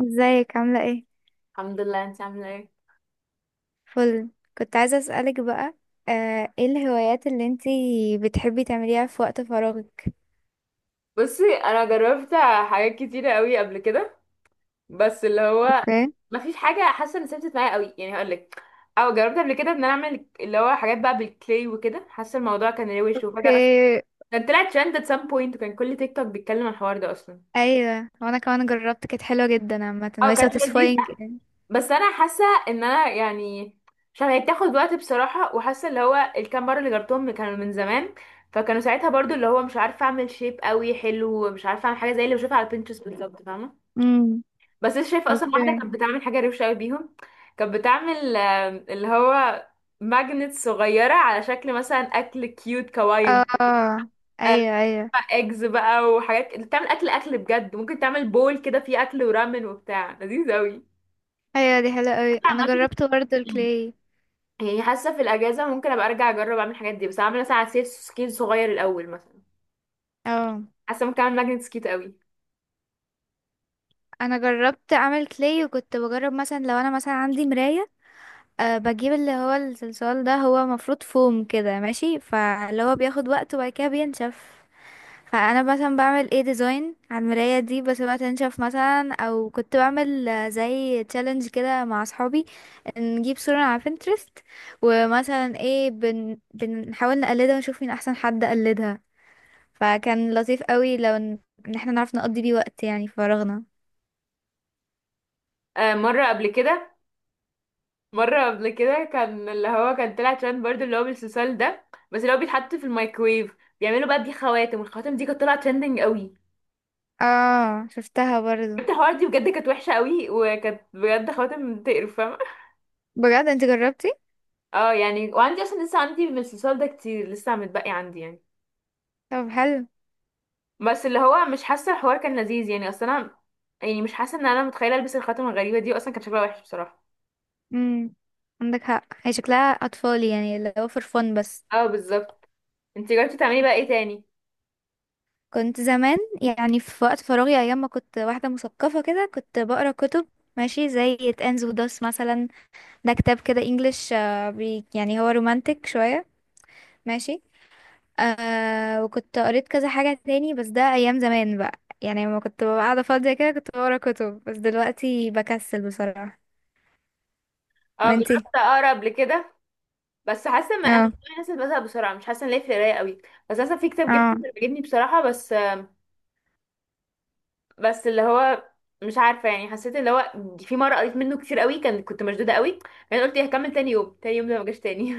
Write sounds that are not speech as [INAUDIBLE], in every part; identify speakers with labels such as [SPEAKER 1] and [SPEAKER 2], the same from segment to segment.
[SPEAKER 1] ازيك عاملة ايه؟
[SPEAKER 2] الحمد لله، انت عامله ايه؟
[SPEAKER 1] فل. كنت عايزة اسألك بقى. ايه الهوايات اللي انتي بتحبي تعمليها في وقت فراغك؟
[SPEAKER 2] بصي، انا جربت حاجات كتيره قوي قبل كده. بس اللي هو
[SPEAKER 1] اوكي.
[SPEAKER 2] ما فيش حاجه حاسه ان ثبتت معايا قوي، يعني هقول لك. او جربت قبل كده ان انا اعمل اللي هو حاجات بقى بالكلاي وكده، حاسه الموضوع كان روش. وفجاه اصلا
[SPEAKER 1] اوكي.
[SPEAKER 2] كان طلع ترند at some point، وكان كل تيك توك بيتكلم عن الحوار ده اصلا.
[SPEAKER 1] ايوه، وانا كمان جربت، كانت حلوة جدا عامة
[SPEAKER 2] اه
[SPEAKER 1] وهي
[SPEAKER 2] كانت لذيذه.
[SPEAKER 1] satisfying يعني.
[SPEAKER 2] بس انا حاسه ان انا يعني عشان هي بتاخد وقت بصراحه. وحاسه اللي هو الكام مره اللي جربتهم كانوا من زمان، فكانوا ساعتها برضو اللي هو مش عارفه اعمل شيب قوي حلو، مش عارفه اعمل حاجه زي اللي بشوفها على بنترست بالظبط، فاهمه.
[SPEAKER 1] امم.
[SPEAKER 2] بس انا شايفه اصلا واحده
[SPEAKER 1] اوكي.
[SPEAKER 2] كانت بتعمل حاجه روشه قوي بيهم. كانت بتعمل اللي هو ماجنت صغيره على شكل مثلا اكل كيوت
[SPEAKER 1] اه.
[SPEAKER 2] كواين.
[SPEAKER 1] آه.
[SPEAKER 2] آه،
[SPEAKER 1] ايوه، ايوه.
[SPEAKER 2] اجز بقى، وحاجات بتعمل اكل اكل بجد، ممكن تعمل بول كده فيه اكل ورامن وبتاع لذيذ قوي.
[SPEAKER 1] ايوه، دي حلوة اوي، انا
[SPEAKER 2] عامه
[SPEAKER 1] جربت برضه الكلاي.
[SPEAKER 2] يعني حاسه في الاجازه ممكن ابقى ارجع اجرب اعمل الحاجات دي، بس اعمل مثلا عصير سكيت صغير الاول مثلا.
[SPEAKER 1] اه،
[SPEAKER 2] حاسه ممكن اعمل ماجنت سكيت قوي.
[SPEAKER 1] انا جربت اعمل كلاي، وكنت بجرب مثلا لو انا مثلا عندي مراية. بجيب اللي هو الصلصال ده، هو مفروض فوم كده ماشي، فاللي هو بياخد وقت وبعد كده بينشف. فانا مثلا بعمل ايه ديزاين على المرايه دي، بسيبها تنشف مثلا، او كنت بعمل زي تشالنج كده مع اصحابي. نجيب صوره على بنترست، ومثلا ايه بنحاول نقلدها ونشوف مين احسن حد قلدها. فكان لطيف قوي لو إن احنا نعرف نقضي بيه وقت يعني فراغنا.
[SPEAKER 2] آه، مره قبل كده كان اللي هو كان طلع ترند برضه اللي هو بالسوسال ده. بس اللي هو بيتحط في الميكرويف، بيعملوا بقى بيه خواتم، والخواتم دي كانت طالعه ترندنج قوي.
[SPEAKER 1] اه، شفتها برضو.
[SPEAKER 2] جبت الحوار دي بجد، كانت وحشه قوي، وكانت بجد خواتم تقرف، فاهمه.
[SPEAKER 1] بجد انت جربتي؟
[SPEAKER 2] اه يعني، وعندي اصلا لسه عندي من السوسال ده كتير لسه متبقي عندي يعني.
[SPEAKER 1] طب حلو.
[SPEAKER 2] بس اللي هو مش حاسه الحوار كان لذيذ يعني، اصل انا يعني مش حاسه ان انا متخيله البس الخاتم الغريبه دي، اصلا كان شكلها وحش بصراحه.
[SPEAKER 1] امم. عندك حق، هي شكلها اطفال يعني، اللي هو فور فن بس.
[SPEAKER 2] اه بالظبط. انت جربتي تعملي بقى ايه تاني؟
[SPEAKER 1] كنت زمان يعني في وقت فراغي، ايام ما كنت واحده مثقفه كده، كنت بقرا كتب. ماشي، زي تنز وداس مثلا. ده كتاب كده انجلش، يعني هو رومانتك شويه. ماشي. آه، وكنت قريت كذا حاجه تاني، بس ده ايام زمان بقى، يعني لما كنت ببقى قاعده فاضيه كده كنت بقرا كتب، بس دلوقتي بكسل بصراحه.
[SPEAKER 2] اه، جربت
[SPEAKER 1] وانتي؟
[SPEAKER 2] اقرا قبل كده، بس حاسه ما انا من
[SPEAKER 1] اه.
[SPEAKER 2] النوع الناس اللي بزهق بسرعه، مش حاسه ان ليا في القرايه قوي. بس اصلا في كتاب
[SPEAKER 1] اه.
[SPEAKER 2] جبته كان عجبني بصراحه، بس بس اللي هو مش عارفه يعني، حسيت اللي هو في مره قريت منه كتير قوي، كان كنت مشدوده قوي، يعني قلت إيه، هكمل تاني يوم. ده ما جاش تاني.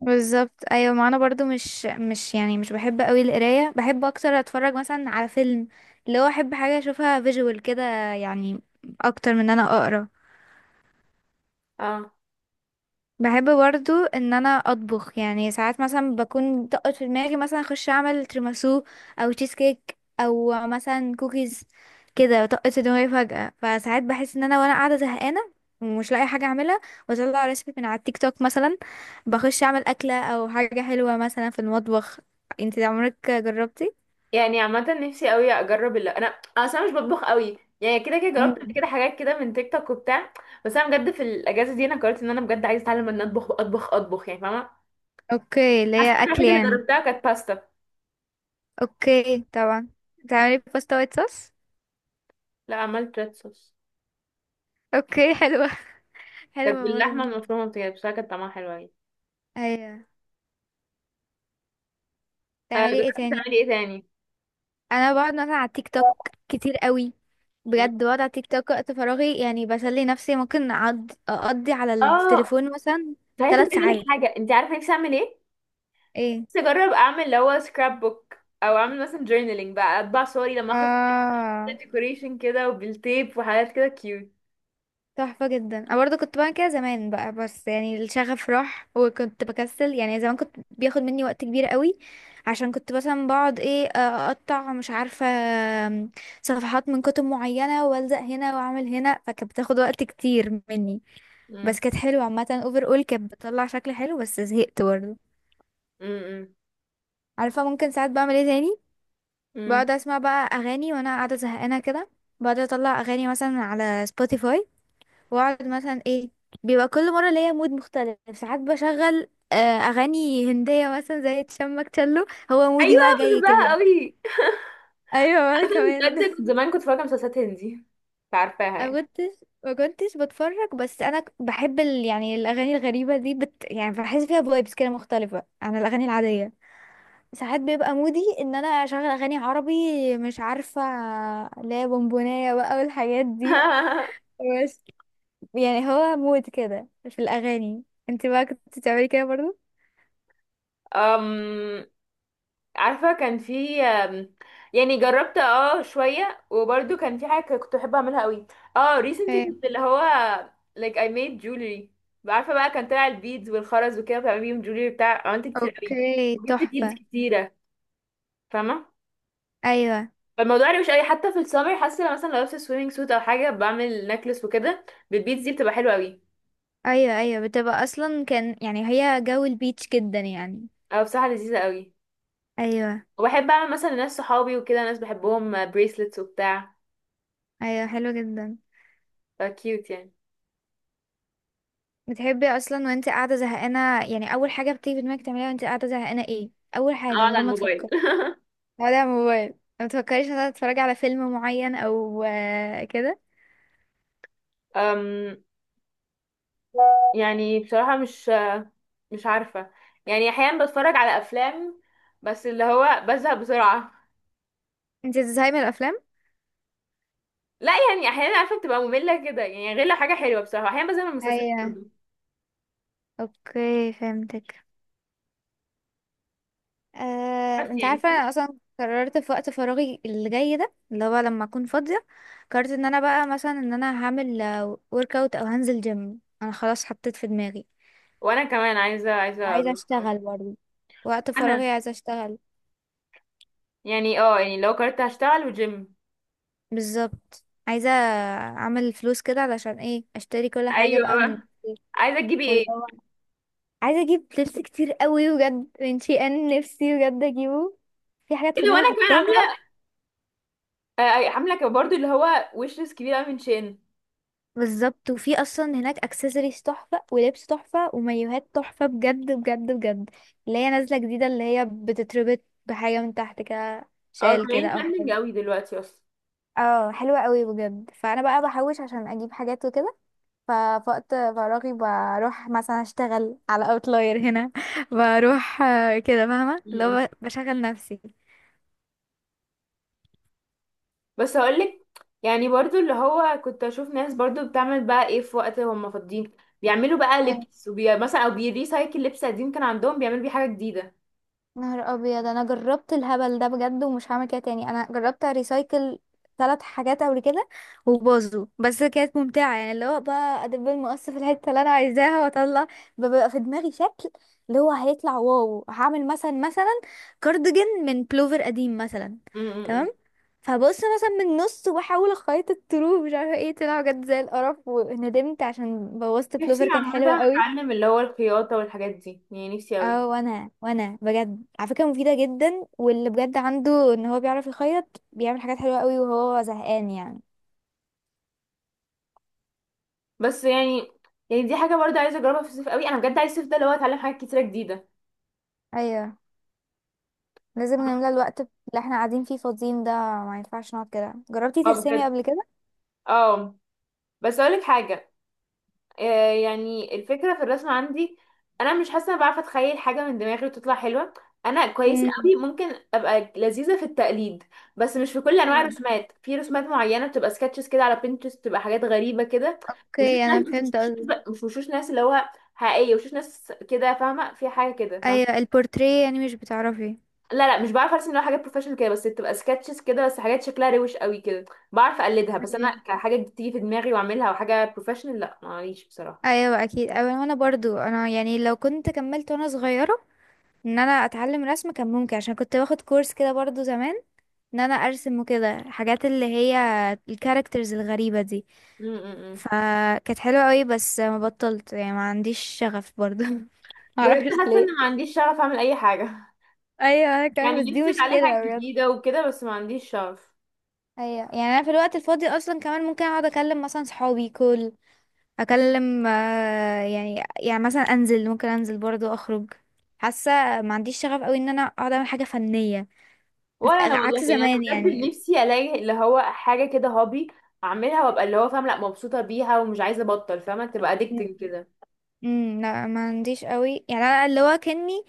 [SPEAKER 1] بالظبط. ايوه، ما انا برضو مش يعني مش بحب قوي القرايه، بحب اكتر اتفرج مثلا على فيلم، اللي هو احب حاجه اشوفها فيجوال كده، يعني اكتر من ان انا اقرا.
[SPEAKER 2] [LAUGHS] اه
[SPEAKER 1] بحب برضو ان انا اطبخ، يعني ساعات مثلا بكون طقت في دماغي مثلا اخش اعمل تيراميسو، او تشيز كيك، او مثلا كوكيز، كده طقت في دماغي فجأة، فساعات بحس ان انا وانا قاعدة زهقانة ومش لاقي حاجة اعملها، واطلع ريسبي من على التيك توك مثلا، بخش اعمل اكلة او حاجة حلوة مثلا في المطبخ. انت عمرك جربتي؟
[SPEAKER 2] يعني، عامة نفسي قوي اجرب اللي انا. أنا اصلا مش بطبخ قوي يعني، كده كده جربت قبل
[SPEAKER 1] مم.
[SPEAKER 2] كده حاجات كده من تيك توك وبتاع. بس انا بجد في الاجازة دي انا قررت ان انا بجد عايزة اتعلم ان اطبخ اطبخ اطبخ، يعني فاهمة.
[SPEAKER 1] اوكي، اللي
[SPEAKER 2] حاسة
[SPEAKER 1] هي
[SPEAKER 2] إن
[SPEAKER 1] اكل
[SPEAKER 2] الحاجة اللي
[SPEAKER 1] يعني.
[SPEAKER 2] جربتها كانت باستا.
[SPEAKER 1] اوكي طبعا. بتعملي باستا وايت صوص؟
[SPEAKER 2] لا، عملت ريد صوص.
[SPEAKER 1] اوكي، حلوة. [LAUGHS]
[SPEAKER 2] كانت
[SPEAKER 1] حلوة
[SPEAKER 2] باللحمة
[SPEAKER 1] برضه.
[SPEAKER 2] المفرومة بتاعي، بس كانت طعمها حلو يعني.
[SPEAKER 1] ايوه. تعملي ايه
[SPEAKER 2] جربت
[SPEAKER 1] تاني؟
[SPEAKER 2] تعملي ايه تاني؟
[SPEAKER 1] انا بقعد مثلا على التيك توك كتير قوي،
[SPEAKER 2] مم.
[SPEAKER 1] بجد بقعد على التيك توك وقت فراغي، يعني بسلي نفسي، ممكن أقعد اقضي على
[SPEAKER 2] اه
[SPEAKER 1] التليفون مثلا
[SPEAKER 2] صحيح، كنت
[SPEAKER 1] ثلاث
[SPEAKER 2] عايزة اقولك
[SPEAKER 1] ساعات
[SPEAKER 2] حاجة، انت عارفة نفسي اعمل ايه؟
[SPEAKER 1] ايه.
[SPEAKER 2] نفسي اجرب اعمل اللي هو سكراب بوك، او اعمل مثلا جورنالينج بقى، اطبع صوري لما اخرج.
[SPEAKER 1] اه.
[SPEAKER 2] ديكوريشن كده وبالتيب وحاجات كده كيوت.
[SPEAKER 1] تحفة جدا، انا برضه كنت بعمل كده زمان بقى، بس يعني الشغف راح وكنت بكسل، يعني زمان كنت بياخد مني وقت كبير قوي، عشان كنت مثلا بقعد ايه اقطع مش عارفة صفحات من كتب معينة والزق هنا واعمل هنا، فكانت بتاخد وقت كتير مني.
[SPEAKER 2] مم.
[SPEAKER 1] بس كانت حلوة عامة، اوفر اول كانت بتطلع شكل حلو، بس زهقت برضه.
[SPEAKER 2] مم.
[SPEAKER 1] عارفة ممكن ساعات بعمل ايه تاني؟
[SPEAKER 2] مم.
[SPEAKER 1] بقعد اسمع بقى اغاني وانا قاعدة زهقانة كده، بقعد اطلع اغاني مثلا على سبوتيفاي، واقعد مثلا ايه، بيبقى كل مرة ليا مود مختلف، ساعات بشغل اغاني هندية مثلا زي تشمك تشلو، هو مودي
[SPEAKER 2] ايوه،
[SPEAKER 1] بقى جاي
[SPEAKER 2] بحبها
[SPEAKER 1] كده.
[SPEAKER 2] قوي.
[SPEAKER 1] ايوه، وانا
[SPEAKER 2] [LAUGHS] بجد
[SPEAKER 1] كمان.
[SPEAKER 2] كنت
[SPEAKER 1] [LAUGHS]
[SPEAKER 2] زمان كنت فاكره مسلسلات هندي، عارفاها
[SPEAKER 1] ما
[SPEAKER 2] يعني؟
[SPEAKER 1] كنتش ما كنتش بتفرج، بس انا بحب يعني الاغاني الغريبة دي يعني بحس فيها فايبس كده مختلفة عن الاغاني العادية. ساعات بيبقى مودي ان انا اشغل اغاني عربي، مش عارفه، اللي هي بونبونايه بقى والحاجات دي،
[SPEAKER 2] [LAUGHS]
[SPEAKER 1] بس يعني هو مود كده في الاغاني. انت بقى كنت بتعملي كده برضو؟
[SPEAKER 2] أم... عارفه كان في يعني جربت اه شويه، وبرده كان في حاجه كنت بحب اعملها قوي. اه recently
[SPEAKER 1] ايه.
[SPEAKER 2] كنت اللي هو like I made jewelry. عارفه بقى كان طلع البيدز والخرز وكده، بتعمل بيهم jewelry بتاع، عملت كتير قوي.
[SPEAKER 1] اوكي،
[SPEAKER 2] وجبت بيدز
[SPEAKER 1] تحفة.
[SPEAKER 2] كتيره، فاهمه.
[SPEAKER 1] ايوه،
[SPEAKER 2] فالموضوع يعني مش اي حتى في السمر، حاسه لو مثلا لو لابسه سويمنج سوت او حاجه، بعمل نكلس وكده بالبيتز دي، بتبقى حلوه قوي.
[SPEAKER 1] ايوه، ايوه، بتبقى اصلا كان، يعني هي جو البيتش جدا يعني.
[SPEAKER 2] او بصراحه لذيذه قوي.
[SPEAKER 1] ايوه،
[SPEAKER 2] وبحب اعمل مثلا لناس صحابي وكده ناس بحبهم، بريسلتس وبتاع،
[SPEAKER 1] ايوه، حلو جدا.
[SPEAKER 2] فكيوت يعني.
[SPEAKER 1] بتحبي اصلا وانت قاعدة زهقانة، يعني اول حاجة بتيجي في دماغك تعمليها وانت قاعدة زهقانة ايه؟ اول حاجة
[SPEAKER 2] او
[SPEAKER 1] من
[SPEAKER 2] على
[SPEAKER 1] غير ما
[SPEAKER 2] الموبايل.
[SPEAKER 1] تفكري. ولا موبايل. ما تفكريش ان تتفرجي على فيلم معين او كده.
[SPEAKER 2] أم، يعني بصراحه مش عارفه يعني، احيانا بتفرج على افلام، بس اللي هو بزهق بسرعه.
[SPEAKER 1] انت بتزهقي من الافلام؟
[SPEAKER 2] لا يعني، احيانا عارفه بتبقى ممله كده يعني، غير لو حاجه حلوه بصراحه، احيانا بزهق من المسلسلات
[SPEAKER 1] ايوه.
[SPEAKER 2] برضه.
[SPEAKER 1] اوكي، فهمتك.
[SPEAKER 2] بس
[SPEAKER 1] انت
[SPEAKER 2] يعني.
[SPEAKER 1] عارفه انا اصلا قررت في وقت فراغي اللي جاي ده، اللي هو لما اكون فاضيه، قررت ان انا بقى مثلا ان انا هعمل ورك اوت او هنزل جيم، انا خلاص حطيت في دماغي.
[SPEAKER 2] وانا كمان عايزه
[SPEAKER 1] وعايزه
[SPEAKER 2] اروح.
[SPEAKER 1] اشتغل برضه، وقت
[SPEAKER 2] انا
[SPEAKER 1] فراغي عايزه اشتغل.
[SPEAKER 2] يعني يعني، لو قررت هشتغل وجيم.
[SPEAKER 1] بالظبط، عايزه اعمل فلوس كده علشان ايه اشتري كل حاجه
[SPEAKER 2] ايوه
[SPEAKER 1] بقى من
[SPEAKER 2] بقى،
[SPEAKER 1] نفسي.
[SPEAKER 2] عايزه تجيبي
[SPEAKER 1] واللي
[SPEAKER 2] ايه؟
[SPEAKER 1] هو عايزه اجيب لبس كتير قوي بجد من شي، ان نفسي بجد اجيبه، في حاجات في
[SPEAKER 2] اللي هو
[SPEAKER 1] دماغي
[SPEAKER 2] انا كمان عامله،
[SPEAKER 1] حطاها.
[SPEAKER 2] عامله كمان برضو اللي هو ويش ليست كبيره أوي من شين.
[SPEAKER 1] بالظبط، وفي اصلا هناك اكسسوارز تحفه ولبس تحفه ومايوهات تحفه، بجد بجد بجد، اللي هي نازله جديده اللي هي بتتربط بحاجه من تحت كده،
[SPEAKER 2] اه
[SPEAKER 1] شال كده
[SPEAKER 2] طالعين
[SPEAKER 1] او
[SPEAKER 2] ترندنج
[SPEAKER 1] حاجه.
[SPEAKER 2] قوي دلوقتي اصلا.
[SPEAKER 1] اه، حلوه قوي بجد، فانا بقى بحوش عشان اجيب حاجات وكده، ففي وقت فراغي بروح مثلا اشتغل على اوتلاير هنا. [LAUGHS] بروح كده، فاهمه
[SPEAKER 2] م- م.
[SPEAKER 1] لو بشغل نفسي.
[SPEAKER 2] بس هقولك، يعني برضو اللي هو كنت اشوف ناس برضو بتعمل بقى ايه في وقت هم فاضيين. بيعملوا بقى لبس مثلا، او بيريسايكل لبس قديم كان عندهم، بيعملوا بيه حاجه جديده.
[SPEAKER 1] نهار ابيض، انا جربت الهبل ده بجد ومش هعمل كده تاني. انا جربت ريسايكل 3 حاجات قبل كده وباظوا، بس كانت ممتعه، يعني اللي هو بقى ادب المقص في الحته اللي انا عايزاها واطلع، ببقى في دماغي شكل اللي هو هيطلع واو، هعمل مثلا كارديجان من بلوفر قديم مثلا.
[SPEAKER 2] م- م- م.
[SPEAKER 1] تمام. فبص مثلا من النص واحاول اخيط الطرو، مش عارفه ايه طلع، بجد زي القرف، وندمت عشان بوظت
[SPEAKER 2] نفسي
[SPEAKER 1] بلوفر كان حلو
[SPEAKER 2] عامه
[SPEAKER 1] قوي.
[SPEAKER 2] اتعلم اللي هو الخياطه والحاجات دي، يعني نفسي قوي.
[SPEAKER 1] اه، وانا بجد على فكره مفيده جدا، واللي بجد عنده ان هو بيعرف يخيط بيعمل حاجات حلوه قوي وهو زهقان يعني.
[SPEAKER 2] بس يعني، يعني دي حاجه برضه عايزه اجربها في الصيف قوي. انا بجد عايز الصيف ده اللي هو اتعلم حاجات كتيره جديده.
[SPEAKER 1] ايوه، لازم نملى الوقت اللي احنا قاعدين فيه فاضيين ده، ما ينفعش نقعد كده. جربتي
[SPEAKER 2] اه
[SPEAKER 1] ترسمي
[SPEAKER 2] بجد،
[SPEAKER 1] قبل كده؟
[SPEAKER 2] اه بس اقولك حاجه. يعني الفكره في الرسم عندي، انا مش حاسه انا بعرف اتخيل حاجه من دماغي وتطلع حلوه. انا كويسه
[SPEAKER 1] امم.
[SPEAKER 2] قوي، ممكن ابقى لذيذه في التقليد. بس مش في كل انواع
[SPEAKER 1] مم.
[SPEAKER 2] الرسومات، في رسومات معينه بتبقى سكتشز كده على بنترست، بتبقى حاجات غريبه كده. وشوش
[SPEAKER 1] اوكي،
[SPEAKER 2] ناس،
[SPEAKER 1] انا
[SPEAKER 2] بس
[SPEAKER 1] فهمت
[SPEAKER 2] مش
[SPEAKER 1] قصدي.
[SPEAKER 2] مش وشوش ناس اللي هو حقيقيه، وشوش ناس كده فاهمه، في حاجه كده.
[SPEAKER 1] ايوه، البورتريه يعني مش بتعرفي.
[SPEAKER 2] لا لا، مش بعرف ارسم اللي هو حاجات بروفيشنال كده، بس بتبقى سكتشز كده، بس حاجات شكلها روش قوي كده بعرف اقلدها. بس انا
[SPEAKER 1] ايوه،
[SPEAKER 2] كحاجه بتيجي في دماغي واعملها وحاجه بروفيشنال، لا معليش بصراحه.
[SPEAKER 1] ايوه اكيد. ايوه، وانا برضو انا يعني لو كنت كملت وانا صغيره ان انا اتعلم رسم كان ممكن، عشان كنت باخد كورس كده برضو زمان، ان انا ارسم وكده الحاجات اللي هي الكاركترز الغريبة دي،
[SPEAKER 2] م- م- م.
[SPEAKER 1] فكانت حلوة قوي، بس ما بطلت يعني ما عنديش شغف برضو. [LAUGHS]
[SPEAKER 2] بجد
[SPEAKER 1] معرفش
[SPEAKER 2] حاسه ان
[SPEAKER 1] ليه.
[SPEAKER 2] ما عنديش شغف اعمل اي حاجه. [LAUGHS]
[SPEAKER 1] ايوه، انا كمان، بس
[SPEAKER 2] يعني
[SPEAKER 1] دي
[SPEAKER 2] نفسي اتعلم حاجه
[SPEAKER 1] مشكلة بجد.
[SPEAKER 2] جديده وكده، بس ما عنديش شغف.
[SPEAKER 1] ايوه، يعني انا في الوقت الفاضي اصلا كمان ممكن اقعد اكلم مثلا صحابي كل اكلم يعني مثلا انزل، ممكن انزل برضو اخرج. حاسة ما عنديش شغف قوي ان انا اقعد اعمل حاجة فنية،
[SPEAKER 2] ولا انا والله،
[SPEAKER 1] عكس
[SPEAKER 2] يعني
[SPEAKER 1] زمان
[SPEAKER 2] انا بجد
[SPEAKER 1] يعني.
[SPEAKER 2] نفسي الاقي اللي هو حاجه كده هوبي اعملها، وابقى اللي هو فاهم، لا مبسوطه بيها ومش عايزه ابطل، فاهمه تبقى اديكتنج كده.
[SPEAKER 1] امم، لا ما عنديش قوي، يعني انا اللي هو كاني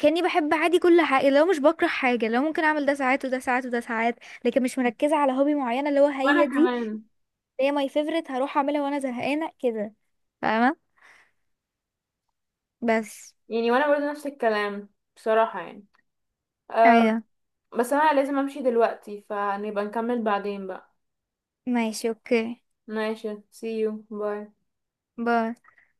[SPEAKER 1] كاني بحب عادي كل حاجه، اللي هو مش بكره حاجه، اللي هو ممكن اعمل ده ساعات وده ساعات وده ساعات، لكن مش مركزه على هوبي معينه اللي هو هي
[SPEAKER 2] وانا
[SPEAKER 1] دي اللي
[SPEAKER 2] كمان،
[SPEAKER 1] هي ماي فيفورت هروح اعملها وانا زهقانه كده، فاهمه. بس.
[SPEAKER 2] يعني وانا برضه نفس الكلام بصراحه يعني. آه،
[SPEAKER 1] ايوه،
[SPEAKER 2] بس انا لازم امشي دلوقتي، فنبقى نكمل بعدين بقى.
[SPEAKER 1] ماشي اوكي.
[SPEAKER 2] ماشي، see you باي
[SPEAKER 1] باي.